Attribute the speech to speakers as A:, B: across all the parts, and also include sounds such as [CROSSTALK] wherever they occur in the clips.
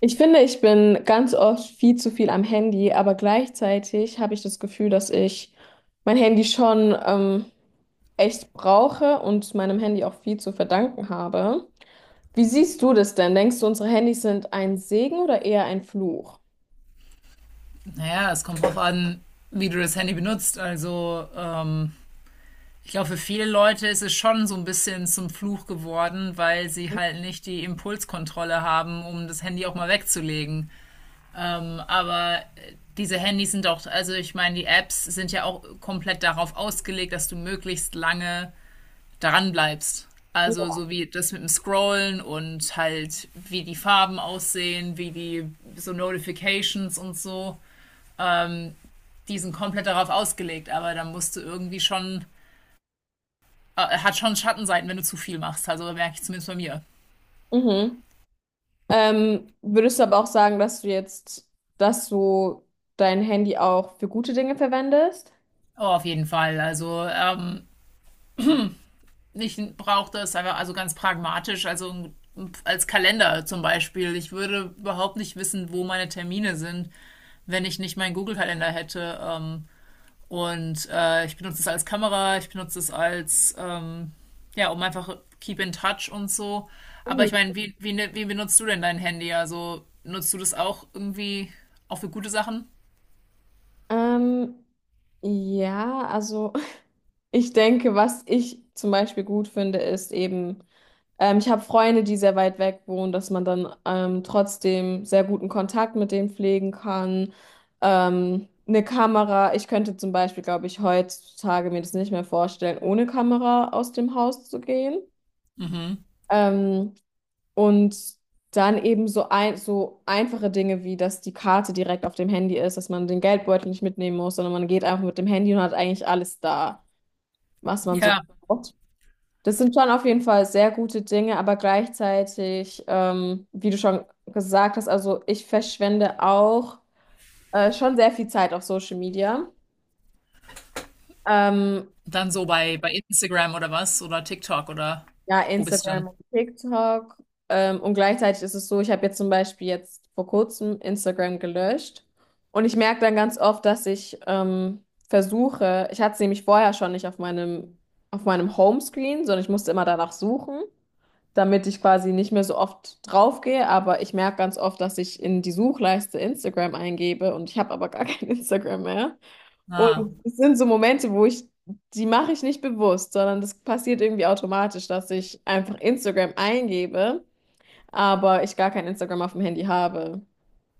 A: Ich finde, ich bin ganz oft viel zu viel am Handy, aber gleichzeitig habe ich das Gefühl, dass ich mein Handy schon echt brauche und meinem Handy auch viel zu verdanken habe. Wie siehst du das denn? Denkst du, unsere Handys sind ein Segen oder eher ein Fluch?
B: Naja, es kommt drauf an, wie du das Handy benutzt. Also, ich glaube, für viele Leute ist es schon so ein bisschen zum Fluch geworden, weil sie halt nicht die Impulskontrolle haben, um das Handy auch mal wegzulegen. Aber diese Handys sind auch, also ich meine, die Apps sind ja auch komplett darauf ausgelegt, dass du möglichst lange daran bleibst. Also
A: Ja.
B: so wie das mit dem Scrollen und halt wie die Farben aussehen, wie die so Notifications und so. Ähm, die sind komplett darauf ausgelegt, aber dann musst du irgendwie schon, hat schon Schattenseiten, wenn du zu viel machst. Also merke ich zumindest bei mir.
A: Mhm. Würdest du aber auch sagen, dass du dass du dein Handy auch für gute Dinge verwendest?
B: Oh, auf jeden Fall. Also ich brauche das einfach, also ganz pragmatisch, also als Kalender zum Beispiel. Ich würde überhaupt nicht wissen, wo meine Termine sind, wenn ich nicht meinen Google-Kalender hätte. Und ich benutze es als Kamera, ich benutze es als, ja, um einfach keep in touch und so. Aber
A: Mhm.
B: ich meine, wie benutzt du denn dein Handy? Also nutzt du das auch irgendwie auch für gute Sachen?
A: Ähm, ja, also ich denke, was ich zum Beispiel gut finde, ist eben, ich habe Freunde, die sehr weit weg wohnen, dass man dann trotzdem sehr guten Kontakt mit denen pflegen kann. Eine Kamera, ich könnte zum Beispiel, glaube ich, heutzutage mir das nicht mehr vorstellen, ohne Kamera aus dem Haus zu gehen.
B: Mhm.
A: Ähm, und dann eben so einfache Dinge wie, dass die Karte direkt auf dem Handy ist, dass man den Geldbeutel nicht mitnehmen muss, sondern man geht einfach mit dem Handy und hat eigentlich alles da, was man so
B: Ja,
A: braucht. Das sind schon auf jeden Fall sehr gute Dinge, aber gleichzeitig, wie du schon gesagt hast, also ich verschwende auch schon sehr viel Zeit auf Social Media. Ähm,
B: dann so bei Instagram oder was? Oder TikTok oder
A: ja,
B: wo bist du dann?
A: Instagram und TikTok. Und gleichzeitig ist es so, ich habe jetzt zum Beispiel jetzt vor kurzem Instagram gelöscht. Und ich merke dann ganz oft, dass ich versuche, ich hatte es nämlich vorher schon nicht auf auf meinem Homescreen, sondern ich musste immer danach suchen, damit ich quasi nicht mehr so oft draufgehe, aber ich merke ganz oft, dass ich in die Suchleiste Instagram eingebe und ich habe aber gar kein [LAUGHS] Instagram mehr.
B: Ah.
A: Und es sind so Momente, die mache ich nicht bewusst, sondern das passiert irgendwie automatisch, dass ich einfach Instagram eingebe, aber ich gar kein Instagram auf dem Handy habe.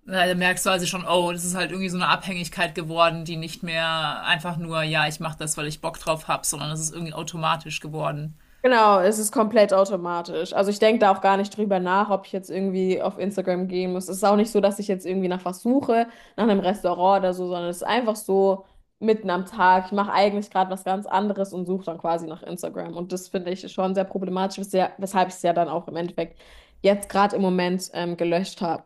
B: Na, da merkst du also schon, oh, das ist halt irgendwie so eine Abhängigkeit geworden, die nicht mehr einfach nur, ja, ich mache das, weil ich Bock drauf habe, sondern es ist irgendwie automatisch geworden.
A: Genau, es ist komplett automatisch. Also ich denke da auch gar nicht drüber nach, ob ich jetzt irgendwie auf Instagram gehen muss. Es ist auch nicht so, dass ich jetzt irgendwie nach was suche, nach einem Restaurant oder so, sondern es ist einfach so mitten am Tag. Ich mache eigentlich gerade was ganz anderes und suche dann quasi nach Instagram. Und das finde ich schon sehr problematisch, weshalb ich es ja dann auch im Endeffekt jetzt gerade im Moment gelöscht habe.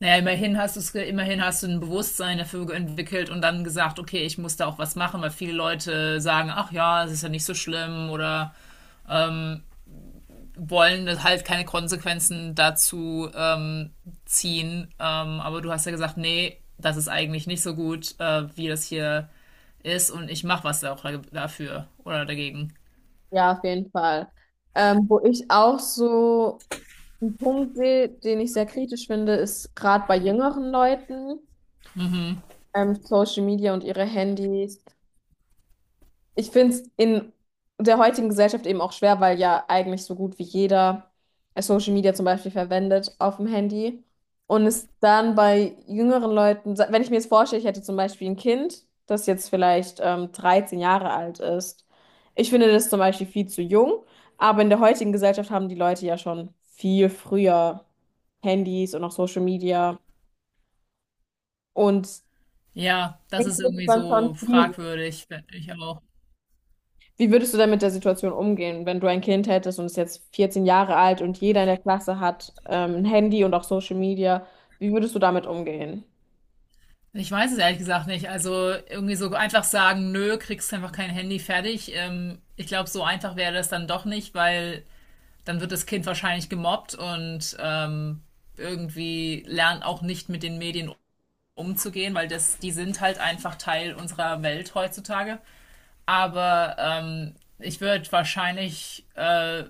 B: Naja, immerhin hast du's, immerhin hast du ein Bewusstsein dafür entwickelt und dann gesagt, okay, ich muss da auch was machen, weil viele Leute sagen, ach ja, es ist ja nicht so schlimm oder wollen das halt keine Konsequenzen dazu ziehen. Aber du hast ja gesagt, nee, das ist eigentlich nicht so gut, wie das hier ist und ich mache was da auch dafür oder dagegen.
A: Ja, auf jeden Fall. Wo ich auch so einen Punkt sehe, den ich sehr kritisch finde, ist gerade bei jüngeren Leuten. Social Media und ihre Handys. Ich finde es in der heutigen Gesellschaft eben auch schwer, weil ja eigentlich so gut wie jeder Social Media zum Beispiel verwendet auf dem Handy. Und es dann bei jüngeren Leuten, wenn ich mir jetzt vorstelle, ich hätte zum Beispiel ein Kind, das jetzt vielleicht 13 Jahre alt ist. Ich finde das zum Beispiel viel zu jung, aber in der heutigen Gesellschaft haben die Leute ja schon viel früher Handys und auch Social Media. Und
B: Ja, das
A: ich
B: ist
A: finde es
B: irgendwie
A: dann
B: so
A: schon schwierig.
B: fragwürdig, finde ich auch.
A: Wie würdest du denn mit der Situation umgehen, wenn du ein Kind hättest und es jetzt 14 Jahre alt und jeder in der Klasse hat ein Handy und auch Social Media? Wie würdest du damit umgehen?
B: Ich weiß es ehrlich gesagt nicht. Also irgendwie so einfach sagen, nö, kriegst einfach kein Handy fertig. Ich glaube, so einfach wäre das dann doch nicht, weil dann wird das Kind wahrscheinlich gemobbt und irgendwie lernt auch nicht mit den Medien umzugehen, weil das, die sind halt einfach Teil unserer Welt heutzutage. Aber ich würde wahrscheinlich, äh,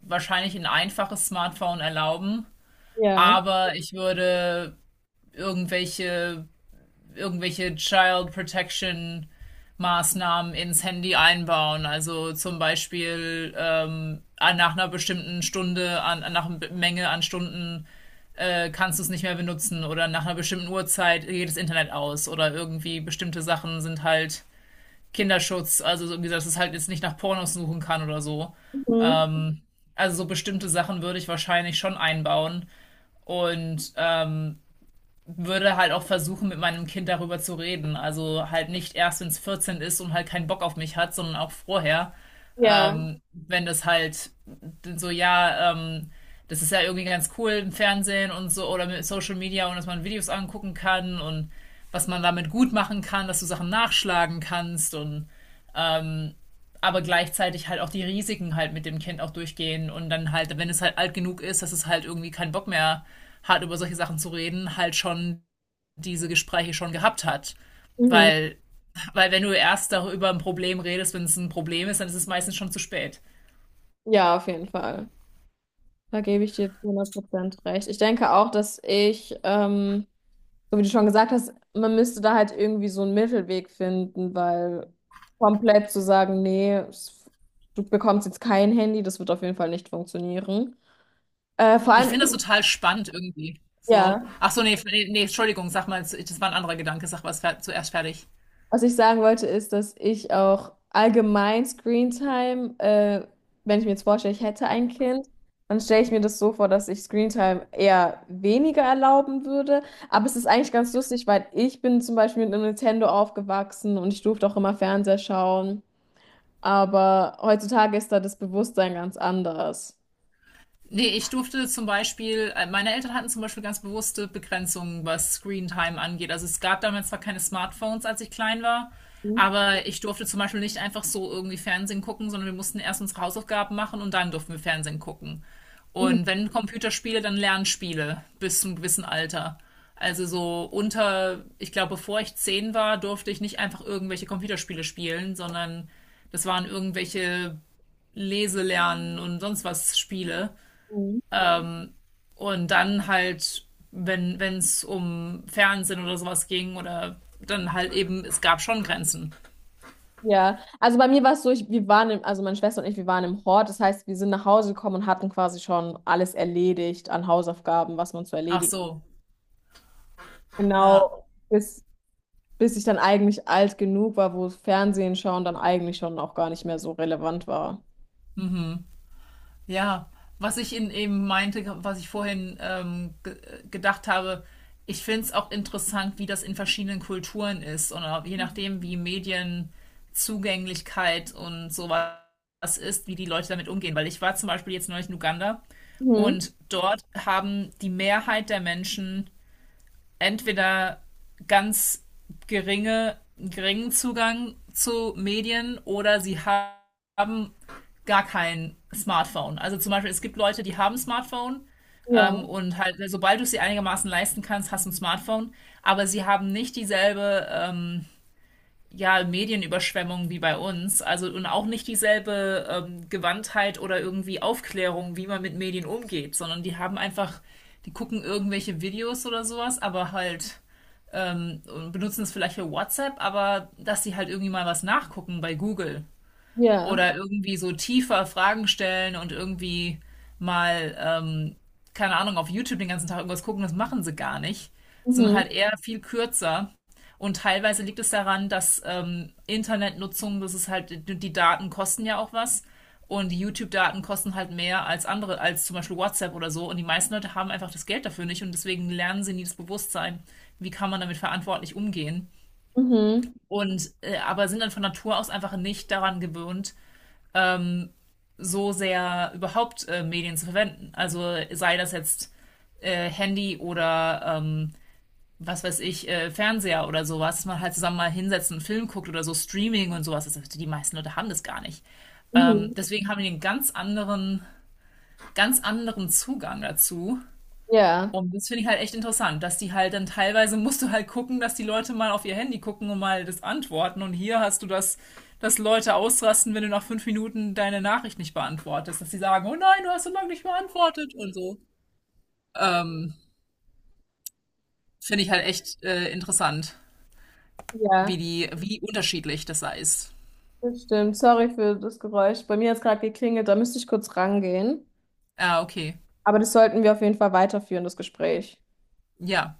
B: wahrscheinlich ein einfaches Smartphone erlauben,
A: Ja.
B: aber ich würde irgendwelche, irgendwelche Child Protection Maßnahmen ins Handy einbauen. Also zum Beispiel nach einer bestimmten Stunde, an, nach einer Menge an Stunden kannst du es nicht mehr benutzen oder nach einer bestimmten Uhrzeit geht das Internet aus oder irgendwie bestimmte Sachen sind halt Kinderschutz. Also so, wie gesagt, dass es halt jetzt nicht nach Pornos suchen kann oder so.
A: Mhm.
B: Also so bestimmte Sachen würde ich wahrscheinlich schon einbauen und würde halt auch versuchen, mit meinem Kind darüber zu reden. Also halt nicht erst, wenn es 14 ist und halt keinen Bock auf mich hat, sondern auch vorher.
A: Ja.
B: Wenn das halt so, ja, das ist ja irgendwie ganz cool im Fernsehen und so oder mit Social Media und dass man Videos angucken kann und was man damit gut machen kann, dass du Sachen nachschlagen kannst und aber gleichzeitig halt auch die Risiken halt mit dem Kind auch durchgehen und dann halt, wenn es halt alt genug ist, dass es halt irgendwie keinen Bock mehr hat, über solche Sachen zu reden, halt schon diese Gespräche schon gehabt hat.
A: Mhm.
B: Weil, weil wenn du erst darüber ein Problem redest, wenn es ein Problem ist, dann ist es meistens schon zu spät.
A: Ja, auf jeden Fall. Da gebe ich dir zu 100% recht. Ich denke auch, dass so wie du schon gesagt hast, man müsste da halt irgendwie so einen Mittelweg finden, weil komplett zu sagen, nee, du bekommst jetzt kein Handy, das wird auf jeden Fall nicht funktionieren. Vor
B: Ich
A: allem,
B: finde das total spannend irgendwie. So.
A: ja.
B: Ach so, nee, nee, nee, Entschuldigung, sag mal, das war ein anderer Gedanke, sag mal, es war zuerst fertig.
A: Was ich sagen wollte, ist, dass ich auch allgemein Screentime, wenn ich mir jetzt vorstelle, ich hätte ein Kind, dann stelle ich mir das so vor, dass ich Screentime eher weniger erlauben würde. Aber es ist eigentlich ganz lustig, weil ich bin zum Beispiel mit einem Nintendo aufgewachsen und ich durfte auch immer Fernseher schauen. Aber heutzutage ist da das Bewusstsein ganz anders.
B: Nee, ich durfte zum Beispiel, meine Eltern hatten zum Beispiel ganz bewusste Begrenzungen, was Screentime angeht. Also es gab damals zwar keine Smartphones, als ich klein war, aber ich durfte zum Beispiel nicht einfach so irgendwie Fernsehen gucken, sondern wir mussten erst unsere Hausaufgaben machen und dann durften wir Fernsehen gucken.
A: Mhm.
B: Und wenn Computerspiele, dann Lernspiele bis zum gewissen Alter. Also so unter, ich glaube, bevor ich 10 war, durfte ich nicht einfach irgendwelche Computerspiele spielen, sondern das waren irgendwelche Leselernen und sonst was Spiele. Und dann halt, wenn es um Fernsehen oder sowas ging oder dann halt eben, es gab schon Grenzen.
A: Ja, also bei mir war es so, wir waren also meine Schwester und ich, wir waren im Hort. Das heißt, wir sind nach Hause gekommen und hatten quasi schon alles erledigt an Hausaufgaben, was man zu
B: Ach
A: erledigen.
B: so. Ja.
A: Genau, bis ich dann eigentlich alt genug war, wo Fernsehen schauen dann eigentlich schon auch gar nicht mehr so relevant war.
B: Ja. Was ich in, eben meinte, was ich vorhin ge gedacht habe, ich finde es auch interessant, wie das in verschiedenen Kulturen ist und auch je nachdem, wie Medienzugänglichkeit und sowas ist, wie die Leute damit umgehen. Weil ich war zum Beispiel jetzt neulich in Uganda
A: Mhm.
B: und dort haben die Mehrheit der Menschen entweder ganz geringen Zugang zu Medien oder sie haben gar kein Smartphone. Also zum Beispiel, es gibt Leute, die haben Smartphone
A: Ja,
B: und halt, also sobald du es dir einigermaßen leisten kannst, hast du ein Smartphone, aber sie haben nicht dieselbe ja, Medienüberschwemmung wie bei uns, also und auch nicht dieselbe Gewandtheit oder irgendwie Aufklärung, wie man mit Medien umgeht, sondern die haben einfach, die gucken irgendwelche Videos oder sowas, aber halt und benutzen es vielleicht für WhatsApp, aber dass sie halt irgendwie mal was nachgucken bei Google
A: ja.
B: oder irgendwie so tiefer Fragen stellen und irgendwie mal, keine Ahnung, auf YouTube den ganzen Tag irgendwas gucken, das machen sie gar nicht. Sondern
A: Mhm.
B: halt eher viel kürzer. Und teilweise liegt es daran, dass Internetnutzung, das ist halt, die Daten kosten ja auch was. Und die YouTube-Daten kosten halt mehr als andere, als zum Beispiel WhatsApp oder so. Und die meisten Leute haben einfach das Geld dafür nicht und deswegen lernen sie nie das Bewusstsein, wie kann man damit verantwortlich umgehen.
A: Mhm.
B: Und aber sind dann von Natur aus einfach nicht daran gewöhnt, so sehr überhaupt Medien zu verwenden. Also sei das jetzt Handy oder was weiß ich, Fernseher oder sowas, dass man halt zusammen mal hinsetzt und einen Film guckt oder so Streaming und sowas. Das, die meisten Leute haben das gar nicht. Ähm,
A: Mhm.
B: deswegen haben die einen ganz anderen Zugang dazu
A: Ja,
B: und das finde ich halt echt interessant, dass die halt dann teilweise musst du halt gucken, dass die Leute mal auf ihr Handy gucken und mal das antworten. Und hier hast du das, dass Leute ausrasten, wenn du nach 5 Minuten deine Nachricht nicht beantwortest, dass die sagen, oh nein, du hast so lange nicht beantwortet und so. Ähm, finde ich halt echt interessant,
A: ja,
B: wie unterschiedlich das da ist.
A: das stimmt. Sorry für das Geräusch. Bei mir hat es gerade geklingelt, da müsste ich kurz rangehen.
B: Ah, okay.
A: Aber das sollten wir auf jeden Fall weiterführen, das Gespräch.
B: Ja.